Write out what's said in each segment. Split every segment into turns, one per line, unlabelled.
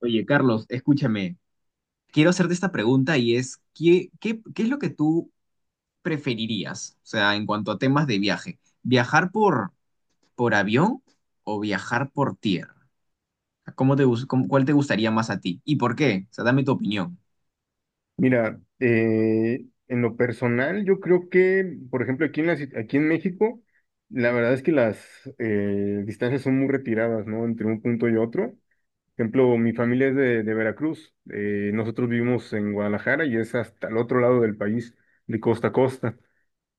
Oye, Carlos, escúchame, quiero hacerte esta pregunta y es, ¿qué es lo que tú preferirías? O sea, en cuanto a temas de viaje, ¿viajar por avión o viajar por tierra? ¿Cómo te, gus- cómo- cuál te gustaría más a ti? ¿Y por qué? O sea, dame tu opinión.
Mira, en lo personal, yo creo que, por ejemplo, aquí en México, la verdad es que las distancias son muy retiradas, ¿no? Entre un punto y otro. Por ejemplo, mi familia es de Veracruz. Nosotros vivimos en Guadalajara y es hasta el otro lado del país, de costa a costa.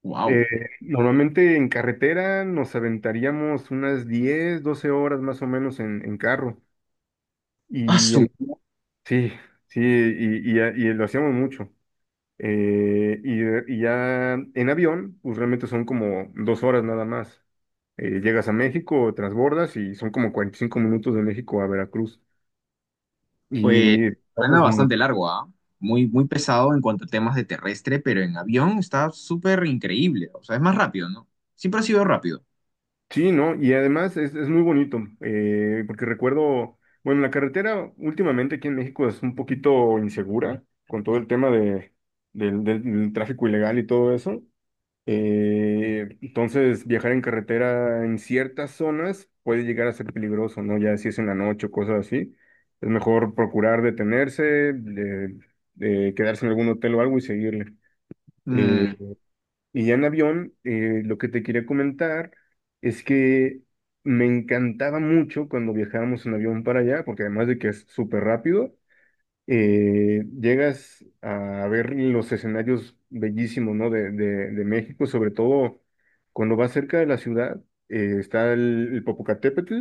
Wow.
Eh, Normalmente en carretera nos aventaríamos unas 10, 12 horas más o menos en carro. Y
su
en, sí, sí, y lo hacíamos mucho. Y ya en avión, pues realmente son como dos horas nada más. Llegas a México, transbordas y son como 45 minutos de México a Veracruz.
Pues
Y
suena
ahorras mu-
bastante largo, ¿ah? Muy, muy pesado en cuanto a temas de terrestre, pero en avión está súper increíble. O sea, es más rápido, ¿no? Siempre ha sido rápido.
sí, ¿no? Y además es muy bonito, porque recuerdo, bueno, la carretera últimamente aquí en México es un poquito insegura con todo el tema de, del, del del tráfico ilegal y todo eso. Entonces, viajar en carretera en ciertas zonas puede llegar a ser peligroso, ¿no? Ya si es en la noche o cosas así, es mejor procurar detenerse, de, de quedarse en algún hotel o algo y seguirle. Eh,
Mm.
y ya en avión, lo que te quería comentar es que me encantaba mucho cuando viajábamos en avión para allá, porque además de que es súper rápido, llegas a ver los escenarios bellísimos, ¿no? De México, sobre todo cuando vas cerca de la ciudad, el Popocatépetl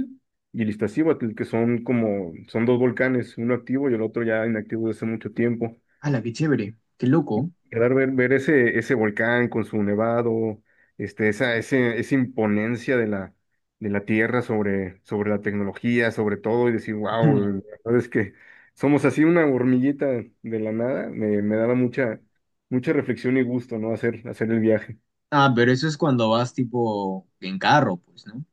y el Iztaccíhuatl, que son como, son dos volcanes, uno activo y el otro ya inactivo desde hace mucho tiempo.
¡Hala, qué chévere! ¡Qué loco!
Claro, ver ese volcán con su nevado, esa imponencia de la Tierra sobre, sobre la tecnología, sobre todo, y decir, wow, la verdad es que somos así una hormiguita de la nada, me daba mucha, mucha reflexión y gusto, ¿no? Hacer el viaje.
Ah, pero eso es cuando vas tipo en carro, pues, ¿no?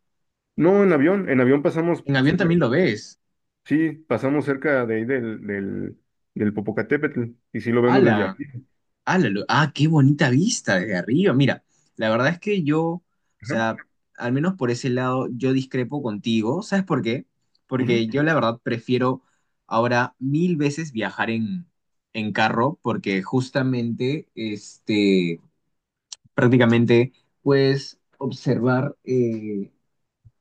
No, en avión
En avión también lo ves.
sí, pasamos cerca de ahí del Popocatépetl, y sí lo vemos desde
¡Hala!
aquí.
¡Ah, qué bonita vista desde arriba! Mira, la verdad es que yo, o
Ajá,
sea, al menos por ese lado, yo discrepo contigo. ¿Sabes por qué? Porque
ujú,
yo la verdad prefiero ahora mil veces viajar en carro porque justamente, este, prácticamente puedes observar,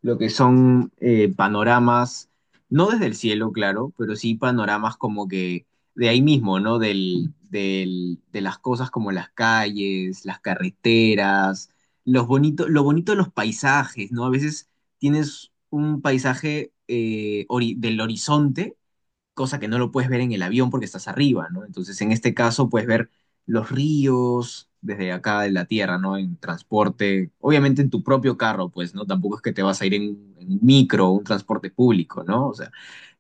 lo que son panoramas, no desde el cielo, claro, pero sí panoramas como que de ahí mismo, ¿no? De las cosas como las calles, las carreteras, los bonito, lo bonito de los paisajes, ¿no? A veces tienes un paisaje del horizonte, cosa que no lo puedes ver en el avión porque estás arriba, ¿no? Entonces, en este caso, puedes ver los ríos desde acá de la tierra, ¿no? En transporte, obviamente en tu propio carro, pues, ¿no? Tampoco es que te vas a ir en un micro, un transporte público, ¿no? O sea,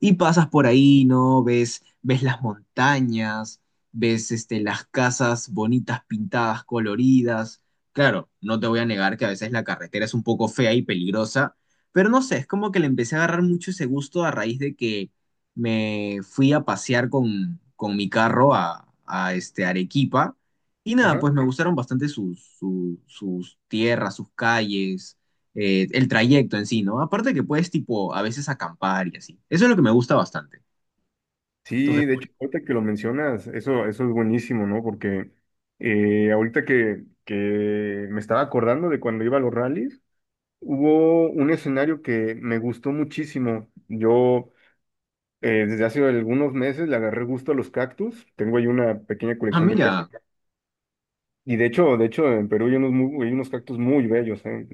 y pasas por ahí, ¿no? Ves las montañas, ves este, las casas bonitas, pintadas, coloridas. Claro, no te voy a negar que a veces la carretera es un poco fea y peligrosa, pero no sé, es como que le empecé a agarrar mucho ese gusto a raíz de que me fui a pasear con mi carro a este Arequipa y nada,
ajá.
pues me gustaron bastante sus tierras, sus calles, el trayecto en sí, ¿no? Aparte que puedes tipo a veces acampar y así. Eso es lo que me gusta bastante. Entonces,
Sí, de hecho, ahorita que lo mencionas, eso es buenísimo, ¿no? Porque ahorita que me estaba acordando de cuando iba a los rallies, hubo un escenario que me gustó muchísimo. Yo desde hace algunos meses le agarré gusto a los cactus. Tengo ahí una pequeña
ah,
colección de cactus.
mira,
Y de hecho, en Perú hay hay unos cactus muy bellos, ¿eh?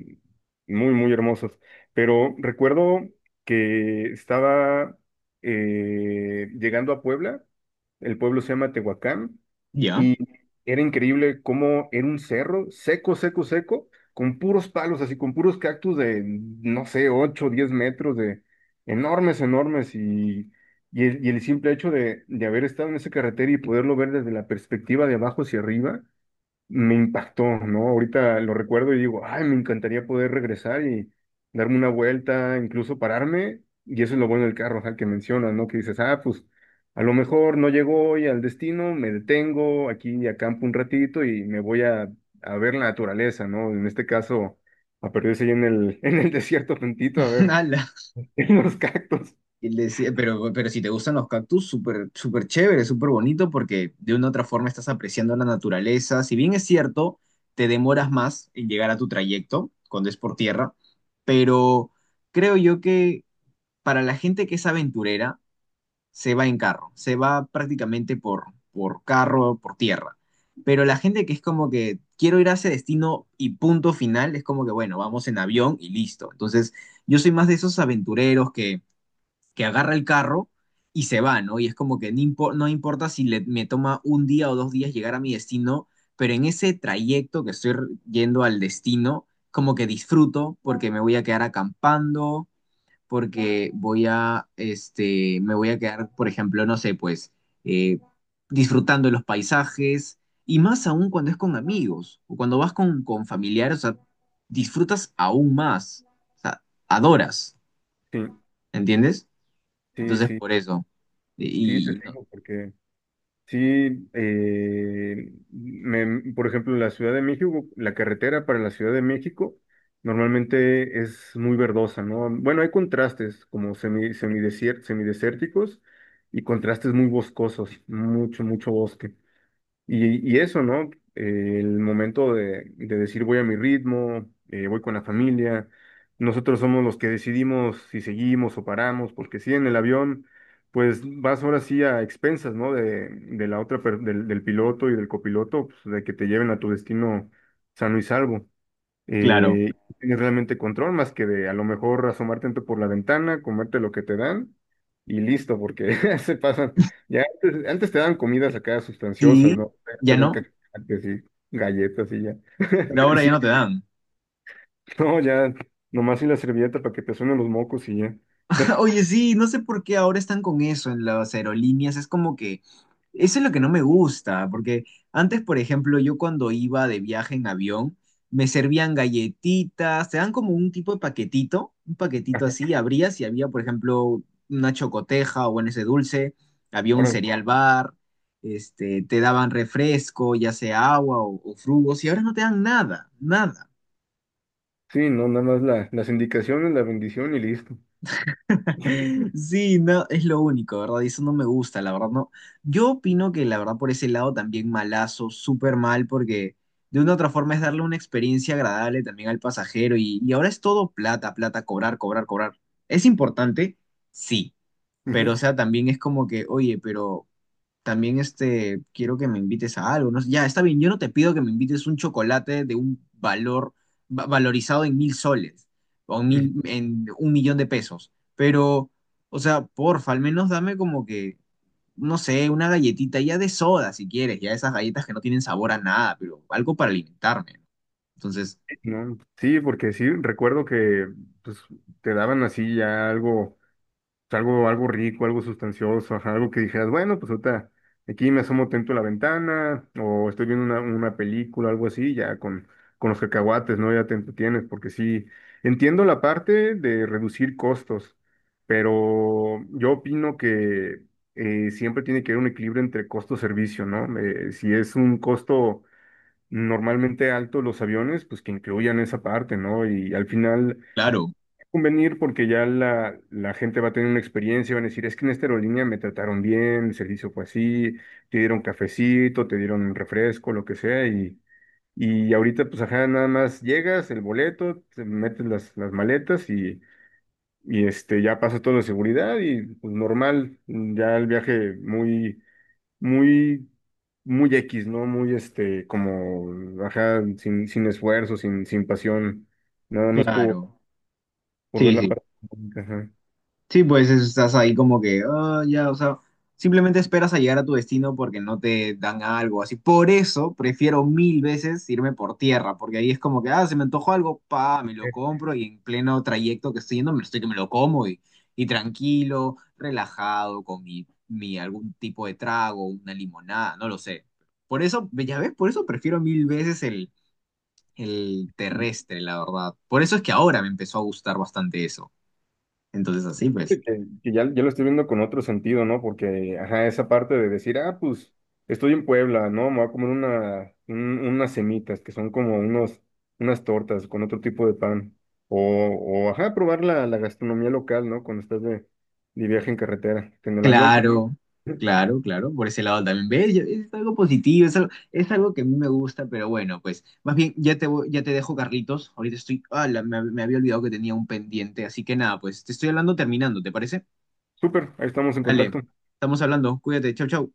Muy, muy hermosos. Pero recuerdo que estaba llegando a Puebla. El pueblo se llama Tehuacán.
ya.
Y era increíble cómo era un cerro seco, seco, seco, con puros palos, así con puros cactus de, no sé, 8 10 metros, de enormes, enormes. Y el simple hecho de haber estado en esa carretera y poderlo ver desde la perspectiva de abajo hacia arriba, me impactó, ¿no? Ahorita lo recuerdo y digo, ay, me encantaría poder regresar y darme una vuelta, incluso pararme, y eso es lo bueno del carro, o sea, que mencionas, ¿no? Que dices, ah, pues a lo mejor no llego hoy al destino, me detengo aquí y acampo un ratito y me voy a ver la naturaleza, ¿no? En este caso, a perderse ahí en el desierto tantito, a ver,
Ala.
en los cactus.
Y le decía, pero si te gustan los cactus, súper, súper chévere, súper bonito, porque de una u otra forma estás apreciando la naturaleza. Si bien es cierto, te demoras más en llegar a tu trayecto cuando es por tierra, pero creo yo que para la gente que es aventurera, se va en carro, se va prácticamente por carro, por tierra. Pero la gente que es como que quiero ir a ese destino y punto final, es como que, bueno, vamos en avión y listo. Entonces, yo soy más de esos aventureros que agarra el carro y se va, ¿no? Y es como que no, no importa si le- me toma un día o dos días llegar a mi destino, pero en ese trayecto que estoy yendo al destino, como que disfruto porque me voy a quedar acampando, porque voy a, este, me voy a quedar, por ejemplo, no sé, pues, eh, disfrutando de los paisajes. Y más aún cuando es con amigos o cuando vas con familiares, o sea, disfrutas aún más, o sea, adoras,
Sí,
¿entiendes?
sí,
Entonces,
sí,
por eso.
sí, te
Y, y no-
sigo, sí, por ejemplo, la Ciudad de México, la carretera para la Ciudad de México normalmente es muy verdosa, ¿no? Bueno, hay contrastes como semidesérticos y contrastes muy boscosos, mucho, mucho bosque. Y eso, ¿no? El momento de decir voy a mi ritmo, voy con la familia. Nosotros somos los que decidimos si seguimos o paramos, porque si en el avión, pues vas ahora sí a expensas, ¿no? De la otra, per- del, del piloto y del copiloto, pues, de que te lleven a tu destino sano y salvo,
Claro.
no tienes realmente control más que de a lo mejor asomarte por la ventana, comerte lo que te dan y listo, porque se pasan. Ya antes, antes te dan comidas acá
Sí,
sustanciosas, ¿no?
ya
Te dan
no,
cacahuates y galletas y ya.
pero
Y
ahora ya
sí,
no te dan.
no, ya, nomás y la servilleta para que te suenen los mocos y ya.
Oye, sí, no sé por qué ahora están con eso en las aerolíneas. Es como que eso es lo que no me gusta, porque antes, por ejemplo, yo cuando iba de viaje en avión, me servían galletitas, te dan como un tipo de paquetito, un paquetito así, abrías y había, por ejemplo, una chocoteja o bueno, ese dulce, había un
Ahora,
cereal bar, este, te daban refresco, ya sea agua o frugos, y ahora no te dan nada, nada.
sí, no, nada más las indicaciones, la bendición y listo.
Sí, no, es lo único, ¿verdad? Y eso no me gusta, la verdad, no. Yo opino que la verdad por ese lado también malazo, súper mal, porque de una u otra forma es darle una experiencia agradable también al pasajero y ahora es todo plata, plata, cobrar, cobrar, cobrar. ¿Es importante? Sí, pero o
Ujú,
sea, también es como que, oye, pero también este, quiero que me invites a algo, ¿no? Ya, está bien, yo no te pido que me invites un chocolate de un valor valorizado en 1000 soles o en
ujú.
1000, en 1000000 de pesos, pero, o sea, porfa, al menos dame como que, no sé, una galletita ya de soda si quieres, ya esas galletas que no tienen sabor a nada, pero algo para alimentarme, ¿no? Entonces,
Sí, no, sí, porque sí, recuerdo que pues, te daban así ya algo sea, algo, algo rico, algo sustancioso, ajá, algo que dijeras, bueno, pues ahorita aquí me asomo atento a la ventana, o estoy viendo una película, algo así, ya con los cacahuates, ¿no? Ya te entretienes, porque sí, entiendo la parte de reducir costos, pero yo opino que siempre tiene que haber un equilibrio entre costo-servicio, ¿no? Si es un costo normalmente alto los aviones, pues que incluyan esa parte, ¿no? Y al final
claro,
convenir porque ya la gente va a tener una experiencia, van a decir, es que en esta aerolínea me trataron bien, el servicio fue así, te dieron cafecito, te dieron un refresco, lo que sea, y ahorita pues ajá, nada más llegas, el boleto, te metes las maletas y este, ya pasa todo de seguridad y pues normal, ya el viaje muy, muy, muy X, ¿no? Muy este, como, ajá, sin esfuerzo, sin pasión, nada más
claro.
por ver
Sí,
la
sí.
parte económica, ajá.
Sí, pues estás ahí como que, ah, ya, o sea, simplemente esperas a llegar a tu destino porque no te dan algo así. Por eso prefiero mil veces irme por tierra, porque ahí es como que, ah, se me antojó algo, pa, me lo compro y en pleno trayecto que estoy yendo, me estoy que me lo como y tranquilo, relajado, con mi, mi algún tipo de trago, una limonada, no lo sé. Por eso, ya ves, por eso prefiero mil veces el terrestre, la verdad. Por eso es que ahora me empezó a gustar bastante eso. Entonces, así pues.
que, que ya, ya lo estoy viendo con otro sentido, ¿no? Porque, ajá, esa parte de decir, ah, pues estoy en Puebla, ¿no? Me voy a comer unas semitas, que son como unos, unas tortas con otro tipo de pan. O ajá, probar la gastronomía local, ¿no? Cuando estás de viaje en carretera. En el avión, pues,
Claro, claro, claro, por ese lado también. ¿Ves? Yo- es algo positivo, es algo que a mí me gusta, pero bueno, pues más bien ya te, ya te dejo, Carlitos. Ahorita estoy, ah, me había olvidado que tenía un pendiente, así que nada, pues te estoy hablando terminando, ¿te parece?
súper, ahí estamos en
Dale,
contacto.
estamos hablando, cuídate, chau, chau.